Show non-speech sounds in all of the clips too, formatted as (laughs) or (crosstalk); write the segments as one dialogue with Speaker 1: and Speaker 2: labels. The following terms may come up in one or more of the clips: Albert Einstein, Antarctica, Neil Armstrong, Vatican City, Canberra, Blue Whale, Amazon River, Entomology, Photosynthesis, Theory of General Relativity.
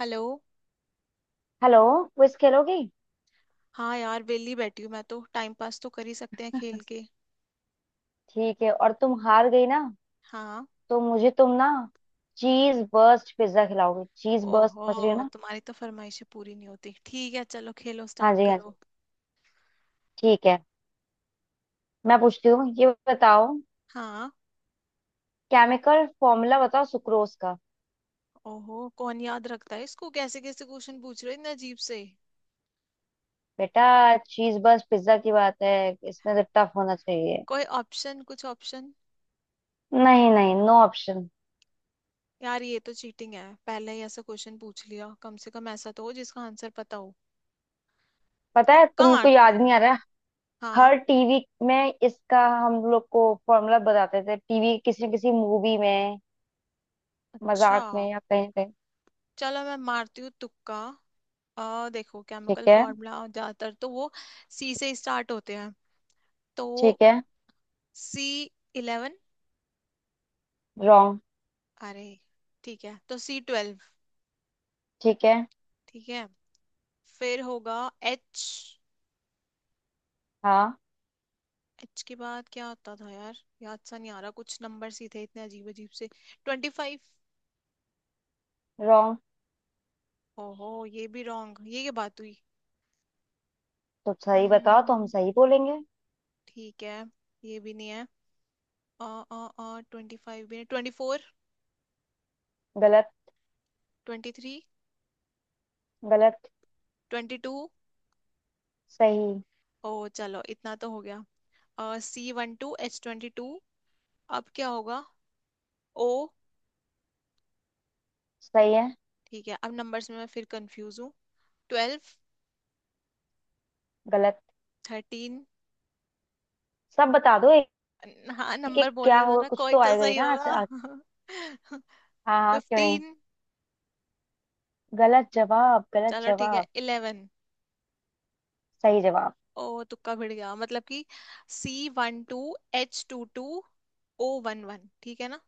Speaker 1: Hello.
Speaker 2: Hello. Quiz खेलोगी?
Speaker 1: हाँ यार, वेली बैठी हूँ मैं तो। टाइम पास तो कर ही सकते हैं खेल के।
Speaker 2: ठीक है। और तुम हार गई ना,
Speaker 1: हाँ।
Speaker 2: तो मुझे तुम ना चीज बर्स्ट पिज्जा खिलाओगे। चीज बर्स्ट,
Speaker 1: ओहो,
Speaker 2: समझ रही हो ना?
Speaker 1: तुम्हारी तो फरमाइशें पूरी नहीं होती। ठीक है, चलो खेलो,
Speaker 2: हाँ
Speaker 1: स्टार्ट
Speaker 2: जी, हाँ
Speaker 1: करो।
Speaker 2: जी। ठीक है, मैं पूछती हूँ, ये बताओ,
Speaker 1: हाँ।
Speaker 2: केमिकल फॉर्मूला बताओ सुक्रोज का।
Speaker 1: ओहो, कौन याद रखता है इसको। कैसे कैसे क्वेश्चन पूछ रहे हो, इतने अजीब से।
Speaker 2: बेटा, चीज बर्स्ट पिज्जा की बात है, इसमें तो टफ होना चाहिए।
Speaker 1: कोई ऑप्शन, कुछ ऑप्शन?
Speaker 2: नहीं नहीं, नो ऑप्शन।
Speaker 1: यार, ये तो चीटिंग है, पहले ही ऐसा क्वेश्चन पूछ लिया। कम से कम ऐसा तो हो जिसका आंसर पता हो।
Speaker 2: पता है,
Speaker 1: तुक्का
Speaker 2: तुमको
Speaker 1: मारती
Speaker 2: याद नहीं
Speaker 1: हूँ।
Speaker 2: आ रहा है।
Speaker 1: हाँ।
Speaker 2: हर टीवी में इसका हम लोग को फॉर्मूला बताते थे। टीवी, किसी न किसी मूवी में,
Speaker 1: अच्छा,
Speaker 2: मजाक में, या कहीं कहीं।
Speaker 1: चलो मैं मारती हूँ तुक्का। देखो, केमिकल
Speaker 2: ठीक है।
Speaker 1: फॉर्मूला ज्यादातर तो वो सी से स्टार्ट होते हैं। तो
Speaker 2: ठीक है।
Speaker 1: सी 11।
Speaker 2: रॉन्ग।
Speaker 1: अरे। ठीक है, तो सी 12।
Speaker 2: ठीक है।
Speaker 1: ठीक है, फिर होगा एच।
Speaker 2: हाँ।
Speaker 1: एच के बाद क्या होता था यार। याद सा नहीं आ रहा, कुछ नंबर ही थे, इतने अजीब अजीब से। 25।
Speaker 2: रॉन्ग।
Speaker 1: ओहो, ये भी रॉन्ग, ये क्या बात हुई।
Speaker 2: तो सही बताओ, तो हम
Speaker 1: हम्म,
Speaker 2: सही बोलेंगे।
Speaker 1: ठीक है। ये भी नहीं है। अ 25 भी नहीं, 24।
Speaker 2: गलत।
Speaker 1: 23।
Speaker 2: गलत।
Speaker 1: 22।
Speaker 2: सही।
Speaker 1: ओ, चलो इतना तो हो गया। सी 1 2 H 22। अब क्या होगा? ओ,
Speaker 2: सही है।
Speaker 1: ठीक है, अब नंबर्स में मैं फिर कंफ्यूज हूँ। 12।
Speaker 2: गलत।
Speaker 1: 13।
Speaker 2: सब बता दो एक।
Speaker 1: हाँ, नंबर
Speaker 2: एक क्या
Speaker 1: बोलने दो
Speaker 2: होगा?
Speaker 1: ना,
Speaker 2: कुछ
Speaker 1: कोई
Speaker 2: तो
Speaker 1: तो
Speaker 2: आएगा ही
Speaker 1: सही
Speaker 2: ना।
Speaker 1: होगा।
Speaker 2: आ- हाँ हाँ, क्यों नहीं।
Speaker 1: 15।
Speaker 2: गलत जवाब,
Speaker 1: (laughs)
Speaker 2: गलत
Speaker 1: चलो, ठीक है,
Speaker 2: जवाब।
Speaker 1: 11।
Speaker 2: सही जवाब।
Speaker 1: ओ, तुक्का भिड़ गया, मतलब कि सी 1 2 H 2 2 O 1 1। ठीक है ना?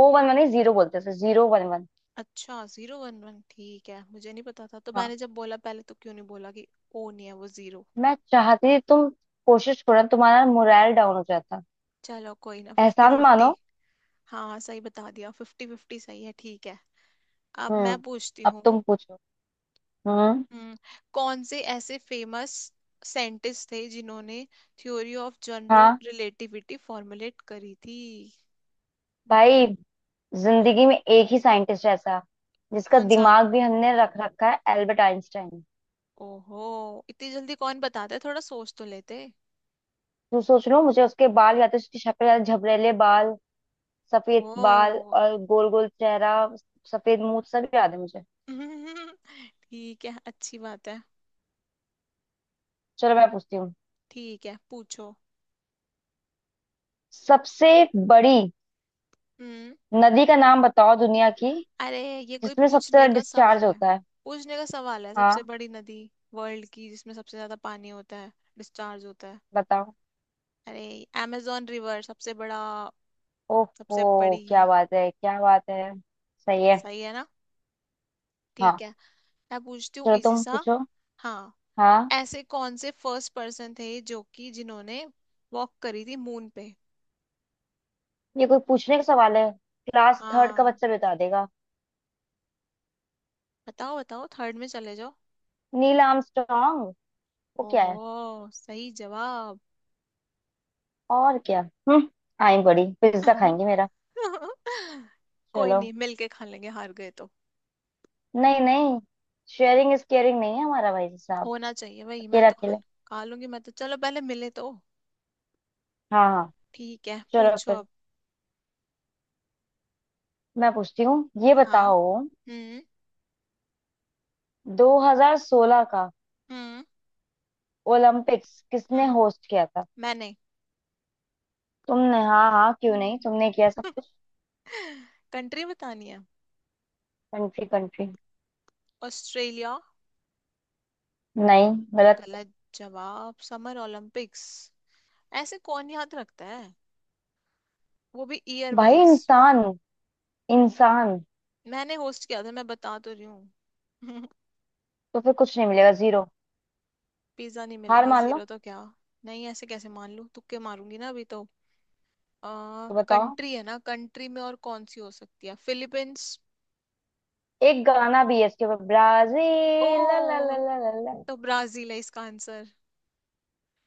Speaker 2: ओ वन वन जीरो बोलते हैं, जीरो वन वन।
Speaker 1: अच्छा, 0 1 1, ठीक है, मुझे नहीं पता था। तो
Speaker 2: हाँ।
Speaker 1: मैंने जब बोला पहले, तो क्यों नहीं बोला कि ओ नहीं है, वो जीरो।
Speaker 2: मैं चाहती थी तुम कोशिश करो, तुम्हारा मोरल डाउन हो जाता।
Speaker 1: चलो कोई ना, फिफ्टी
Speaker 2: एहसान
Speaker 1: फिफ्टी
Speaker 2: मानो।
Speaker 1: हाँ, सही बता दिया, 50 50 सही है, ठीक है। अब मैं
Speaker 2: हम्म।
Speaker 1: पूछती
Speaker 2: अब
Speaker 1: हूँ।
Speaker 2: तुम पूछो। हम्म।
Speaker 1: हम्म, कौन से ऐसे फेमस साइंटिस्ट थे जिन्होंने थ्योरी ऑफ जनरल
Speaker 2: हाँ,
Speaker 1: रिलेटिविटी फॉर्मुलेट करी थी?
Speaker 2: भाई
Speaker 1: हम्म,
Speaker 2: जिंदगी में एक ही साइंटिस्ट ऐसा जिसका
Speaker 1: कौन सा?
Speaker 2: दिमाग भी हमने रख रखा है, एल्बर्ट आइंस्टाइन।
Speaker 1: ओहो, इतनी जल्दी कौन बताता है, थोड़ा सोच तो लेते।
Speaker 2: तू सोच लो, मुझे उसके बाल, या तो उसकी शक्ल, या झबरेले बाल, सफेद बाल
Speaker 1: ओ।
Speaker 2: और गोल गोल चेहरा, सफेद मुंह, सब याद है मुझे।
Speaker 1: (laughs) ठीक है, अच्छी बात है।
Speaker 2: चलो मैं पूछती हूँ,
Speaker 1: ठीक है, पूछो।
Speaker 2: सबसे बड़ी
Speaker 1: हम्म।
Speaker 2: नदी का नाम बताओ दुनिया की,
Speaker 1: अरे, ये कोई
Speaker 2: जिसमें सबसे
Speaker 1: पूछने
Speaker 2: ज्यादा
Speaker 1: का
Speaker 2: डिस्चार्ज
Speaker 1: सवाल है?
Speaker 2: होता है।
Speaker 1: पूछने का सवाल है सबसे
Speaker 2: हाँ।
Speaker 1: बड़ी नदी, वर्ल्ड की, जिसमें सबसे ज्यादा पानी होता है, डिस्चार्ज होता है।
Speaker 2: बताओ।
Speaker 1: अरे, amazon रिवर सबसे बड़ा।
Speaker 2: ओहो,
Speaker 1: सबसे
Speaker 2: क्या
Speaker 1: बड़ी।
Speaker 2: बात है, क्या बात है। सही है।
Speaker 1: सही है ना? ठीक
Speaker 2: हाँ।
Speaker 1: है। मैं पूछती हूँ
Speaker 2: चलो
Speaker 1: इजी
Speaker 2: तुम
Speaker 1: सा।
Speaker 2: पूछो।
Speaker 1: हाँ।
Speaker 2: हाँ।
Speaker 1: ऐसे कौन से फर्स्ट पर्सन थे जो कि जिन्होंने वॉक करी थी मून पे?
Speaker 2: ये कोई पूछने का सवाल है? क्लास थर्ड का
Speaker 1: हाँ,
Speaker 2: बच्चा बता देगा।
Speaker 1: बताओ बताओ, थर्ड में चले जाओ।
Speaker 2: Neil Armstrong. वो क्या
Speaker 1: ओहो,
Speaker 2: है?
Speaker 1: सही जवाब।
Speaker 2: और क्या। हम्म। आई एम, बड़ी पिज्जा खाएंगे मेरा।
Speaker 1: (laughs) कोई
Speaker 2: चलो।
Speaker 1: नहीं, मिलके खा लेंगे हार गए तो।
Speaker 2: नहीं नहीं, शेयरिंग इज केयरिंग नहीं है हमारा, भाई साहब।
Speaker 1: होना चाहिए भाई, मैं
Speaker 2: अकेला
Speaker 1: तो
Speaker 2: अकेला।
Speaker 1: हल खा लूंगी मैं तो, चलो पहले मिले तो।
Speaker 2: हाँ हाँ।
Speaker 1: ठीक है,
Speaker 2: चलो
Speaker 1: पूछो
Speaker 2: फिर,
Speaker 1: अब।
Speaker 2: मैं पूछती हूँ, ये
Speaker 1: हाँ।
Speaker 2: बताओ,
Speaker 1: हम्म
Speaker 2: 2016 का
Speaker 1: हम्म
Speaker 2: ओलंपिक्स किसने
Speaker 1: हम्म।
Speaker 2: होस्ट किया था?
Speaker 1: मैंने।
Speaker 2: तुमने? हाँ हाँ, क्यों नहीं, तुमने किया सब कुछ।
Speaker 1: कंट्री बतानी है।
Speaker 2: Country, country.
Speaker 1: ऑस्ट्रेलिया।
Speaker 2: नहीं। गलत।
Speaker 1: गलत जवाब? समर ओलंपिक्स, ऐसे कौन याद रखता है, वो भी ईयर
Speaker 2: भाई,
Speaker 1: वाइज।
Speaker 2: इंसान, इंसान।
Speaker 1: मैंने होस्ट किया था, मैं बता तो रही हूँ। (laughs)
Speaker 2: तो फिर कुछ नहीं मिलेगा, जीरो।
Speaker 1: पिज्जा नहीं
Speaker 2: हार
Speaker 1: मिलेगा
Speaker 2: मान लो।
Speaker 1: 0 तो क्या। नहीं, ऐसे कैसे मान लूं, तुक्के मारूंगी ना अभी तो।
Speaker 2: तो बताओ,
Speaker 1: कंट्री है ना, कंट्री में और कौन सी हो सकती है, फिलीपींस।
Speaker 2: एक गाना भी है इसके ऊपर, ब्राजील, ला ला
Speaker 1: ओ,
Speaker 2: ला ला ला ला।
Speaker 1: तो ब्राजील है इसका आंसर।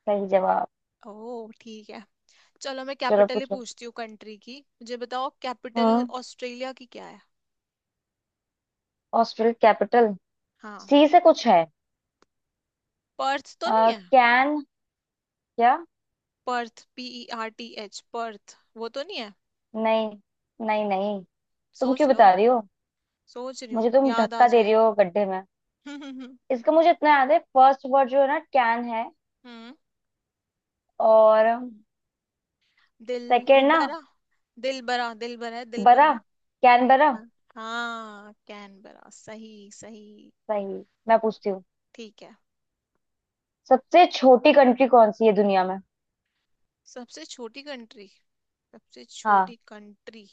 Speaker 2: सही जवाब।
Speaker 1: ओह, ठीक है। चलो मैं
Speaker 2: चलो
Speaker 1: कैपिटल ही
Speaker 2: पूछो।
Speaker 1: पूछती हूँ, कंट्री की मुझे बताओ कैपिटल।
Speaker 2: हम्म।
Speaker 1: ऑस्ट्रेलिया की क्या है?
Speaker 2: ऑस्ट्रेलिया कैपिटल,
Speaker 1: हाँ।
Speaker 2: सी से कुछ है।
Speaker 1: पर्थ तो नहीं है?
Speaker 2: कैन, क्या।
Speaker 1: पर्थ, PERTH, पर्थ, वो तो नहीं है?
Speaker 2: नहीं। नहीं नहीं। तुम क्यों
Speaker 1: सोच लो।
Speaker 2: बता रही हो?
Speaker 1: सोच रही हूँ,
Speaker 2: मुझे तुम
Speaker 1: याद आ
Speaker 2: धक्का दे रही
Speaker 1: जाए।
Speaker 2: हो गड्ढे में।
Speaker 1: (laughs) हम्म।
Speaker 2: इसका मुझे इतना याद है, फर्स्ट वर्ड जो है ना कैन है, और सेकेंड ना,
Speaker 1: दिलबरा। दिलबरा दिलबरा है दिलबरा।
Speaker 2: बरा, कैन बरा।
Speaker 1: हाँ। हाँ, कैनबरा, सही सही।
Speaker 2: सही। मैं पूछती हूँ,
Speaker 1: ठीक है।
Speaker 2: सबसे छोटी कंट्री कौन सी है दुनिया में?
Speaker 1: सबसे छोटी कंट्री। सबसे
Speaker 2: हाँ।
Speaker 1: छोटी कंट्री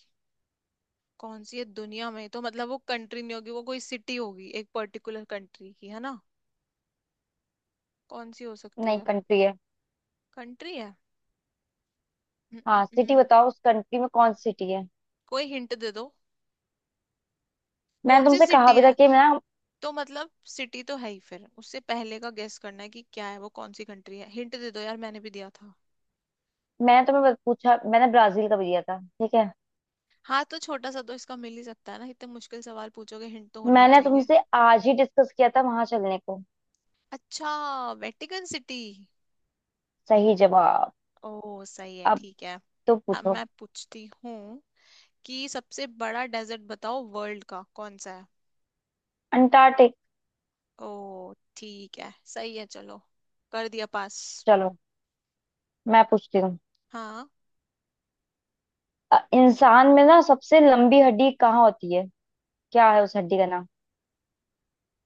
Speaker 1: कौन सी है दुनिया में, तो मतलब वो कंट्री नहीं होगी, वो कोई सिटी होगी, एक पर्टिकुलर कंट्री की, है ना? कौन सी हो सकती
Speaker 2: नहीं,
Speaker 1: है?
Speaker 2: कंट्री है।
Speaker 1: कंट्री है। हम्म, हम्म,
Speaker 2: हाँ, सिटी
Speaker 1: हम्म।
Speaker 2: बताओ, उस कंट्री में कौन सी सिटी है।
Speaker 1: कोई हिंट दे दो।
Speaker 2: मैंने
Speaker 1: कौन सी
Speaker 2: तुमसे कहा
Speaker 1: सिटी
Speaker 2: भी था
Speaker 1: है?
Speaker 2: कि मैं ना,
Speaker 1: तो मतलब सिटी तो है ही, फिर उससे पहले का गेस करना है, कि क्या है वो, कौन सी कंट्री है, हिंट दे दो यार, मैंने भी दिया था।
Speaker 2: मैंने तुम्हें बस पूछा। मैंने ब्राजील का भी दिया था, ठीक है,
Speaker 1: हाँ तो छोटा सा तो इसका मिल ही सकता है ना, इतने मुश्किल सवाल पूछोगे, हिंट तो होना ही
Speaker 2: मैंने
Speaker 1: चाहिए।
Speaker 2: तुमसे आज ही डिस्कस किया था वहां चलने को।
Speaker 1: अच्छा। Vatican City.
Speaker 2: सही जवाब।
Speaker 1: ओ, सही है,
Speaker 2: अब
Speaker 1: ठीक है।
Speaker 2: तो
Speaker 1: अब
Speaker 2: पूछो।
Speaker 1: मैं पूछती हूँ कि सबसे बड़ा डेजर्ट बताओ, वर्ल्ड का कौन सा है?
Speaker 2: अंटार्कटिक।
Speaker 1: ओ, ठीक है, सही है, चलो, कर दिया पास।
Speaker 2: चलो मैं पूछती हूँ,
Speaker 1: हाँ।
Speaker 2: इंसान में ना सबसे लंबी हड्डी कहाँ होती है, क्या है उस हड्डी का नाम?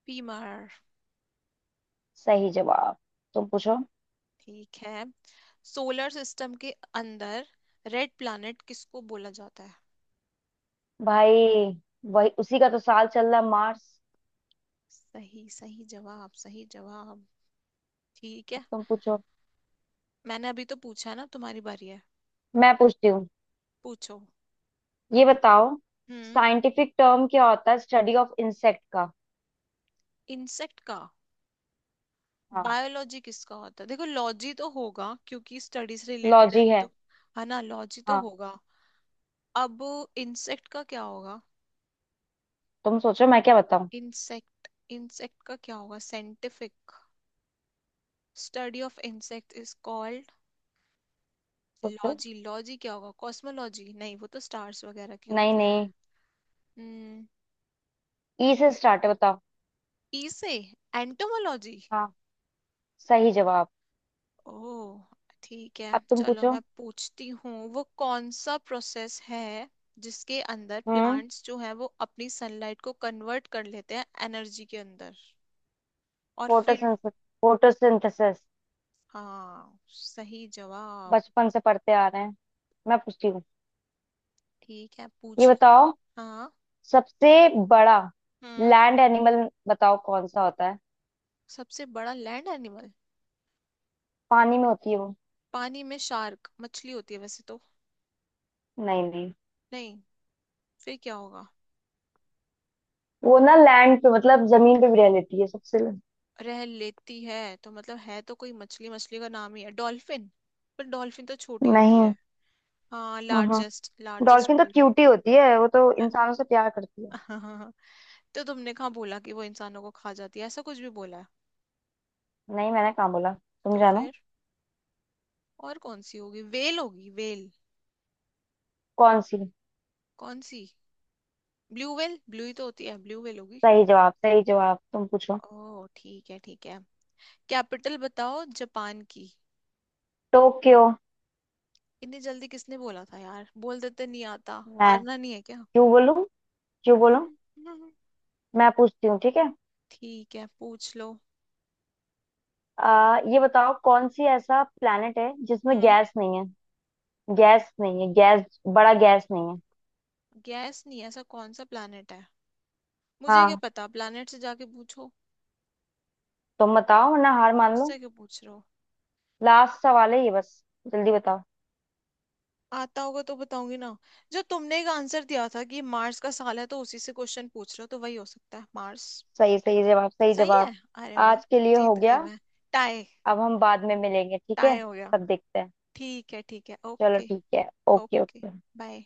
Speaker 1: पीमर।
Speaker 2: सही जवाब। तुम पूछो।
Speaker 1: ठीक है। सोलर सिस्टम के अंदर रेड प्लैनेट किसको बोला जाता है?
Speaker 2: भाई, वही, उसी का तो साल चल रहा है, मार्स।
Speaker 1: सही, सही जवाब, सही जवाब। ठीक
Speaker 2: अब
Speaker 1: है।
Speaker 2: तुम पूछो।
Speaker 1: मैंने अभी तो पूछा ना, तुम्हारी बारी है।
Speaker 2: मैं पूछती हूँ,
Speaker 1: पूछो।
Speaker 2: ये बताओ,
Speaker 1: हम्म।
Speaker 2: साइंटिफिक टर्म क्या होता है स्टडी ऑफ इंसेक्ट का?
Speaker 1: इंसेक्ट का?
Speaker 2: हाँ।
Speaker 1: बायोलॉजी किसका होता है? देखो, लॉजी तो होगा, क्योंकि स्टडीज रिलेटेड है
Speaker 2: लॉजी है।
Speaker 1: तो। है ना, लॉजी तो
Speaker 2: हाँ।
Speaker 1: होगा। अब इंसेक्ट का क्या होगा?
Speaker 2: तुम सोचो, मैं क्या बताऊं।
Speaker 1: इंसेक्ट। इंसेक्ट का क्या होगा scientific? Study of insect is called.
Speaker 2: सोचो।
Speaker 1: लॉजी, लॉजी क्या होगा, कॉस्मोलॉजी नहीं, वो तो स्टार्स वगैरह की
Speaker 2: नहीं
Speaker 1: होती है।
Speaker 2: नहीं।
Speaker 1: हम्म
Speaker 2: ई से स्टार्ट है, बताओ।
Speaker 1: ई से? एंटोमोलॉजी।
Speaker 2: हाँ, सही जवाब।
Speaker 1: ओ, ठीक है,
Speaker 2: अब तुम
Speaker 1: चलो
Speaker 2: पूछो।
Speaker 1: मैं पूछती हूँ, वो कौन सा प्रोसेस है जिसके अंदर
Speaker 2: हम्म।
Speaker 1: प्लांट्स जो है वो अपनी सनलाइट को कन्वर्ट कर लेते हैं एनर्जी के अंदर और फिर।
Speaker 2: फोटोसिंथेसिस। फोटोसिंथेसिस।
Speaker 1: हाँ, सही जवाब।
Speaker 2: बचपन से पढ़ते आ रहे हैं। मैं पूछती हूँ,
Speaker 1: ठीक है,
Speaker 2: ये
Speaker 1: पूछ लो।
Speaker 2: बताओ,
Speaker 1: हाँ।
Speaker 2: सबसे बड़ा
Speaker 1: हम्म।
Speaker 2: लैंड एनिमल बताओ कौन सा होता है।
Speaker 1: सबसे बड़ा लैंड एनिमल?
Speaker 2: पानी में होती है वो।
Speaker 1: पानी में शार्क मछली होती है वैसे तो।
Speaker 2: नहीं नहीं,
Speaker 1: नहीं? फिर क्या होगा?
Speaker 2: वो ना लैंड पे मतलब जमीन पे भी रह लेती है, सबसे।
Speaker 1: रह लेती है तो मतलब है तो कोई मछली। मछली का नाम ही है डॉल्फिन, पर डॉल्फिन तो छोटी होती है।
Speaker 2: नहीं।
Speaker 1: हाँ,
Speaker 2: हम्म।
Speaker 1: लार्जेस्ट, लार्जेस्ट
Speaker 2: डॉल्फिन तो
Speaker 1: बोल रहे हो ना?
Speaker 2: क्यूटी होती है, वो तो इंसानों से प्यार करती है।
Speaker 1: (laughs) तो तुमने कहाँ बोला कि वो इंसानों को खा जाती है, ऐसा कुछ भी बोला है?
Speaker 2: नहीं, मैंने कहाँ बोला, तुम
Speaker 1: तो
Speaker 2: जानो।
Speaker 1: फिर और कौन सी होगी? वेल होगी, वेल।
Speaker 2: कौन सी?
Speaker 1: कौन सी? ब्लू वेल, ब्लू ही तो होती है, ब्लू वेल होगी।
Speaker 2: सही जवाब, सही जवाब। तुम पूछो।
Speaker 1: ओह, ठीक है, ठीक है। कैपिटल बताओ जापान की।
Speaker 2: टोक्यो।
Speaker 1: इतनी जल्दी किसने बोला था यार, बोल देते, नहीं आता,
Speaker 2: मैं?
Speaker 1: हारना नहीं है क्या?
Speaker 2: क्यों बोलूं, क्यों बोलूं? मैं पूछती हूँ, ठीक है,
Speaker 1: ठीक है, पूछ लो।
Speaker 2: ये बताओ, कौन सी ऐसा प्लेनेट है जिसमें
Speaker 1: हम्म
Speaker 2: गैस नहीं है? गैस नहीं है, गैस बड़ा गैस नहीं है।
Speaker 1: गैस नहीं है, ऐसा कौन सा प्लैनेट है? मुझे क्या
Speaker 2: हाँ।
Speaker 1: पता, प्लैनेट से जाके पूछो।
Speaker 2: तुम बताओ, वरना हार मान लो।
Speaker 1: मुझसे क्यों पूछ रहे हो?
Speaker 2: लास्ट सवाल है ये, बस जल्दी बताओ।
Speaker 1: आता होगा तो बताऊंगी ना। जो तुमने एक आंसर दिया था कि मार्स का साल है, तो उसी से क्वेश्चन पूछ रहे हो तो वही हो सकता है, मार्स।
Speaker 2: सही, सही जवाब, सही
Speaker 1: सही है।
Speaker 2: जवाब।
Speaker 1: अरे वाह।
Speaker 2: आज के लिए हो
Speaker 1: जीत गई
Speaker 2: गया।
Speaker 1: मैं। टाई।
Speaker 2: अब हम बाद में मिलेंगे, ठीक है?
Speaker 1: टाई हो गया।
Speaker 2: तब देखते हैं।
Speaker 1: ठीक है, ठीक है,
Speaker 2: चलो
Speaker 1: ओके।
Speaker 2: ठीक है। Okay,
Speaker 1: okay.
Speaker 2: ओके।
Speaker 1: बाय।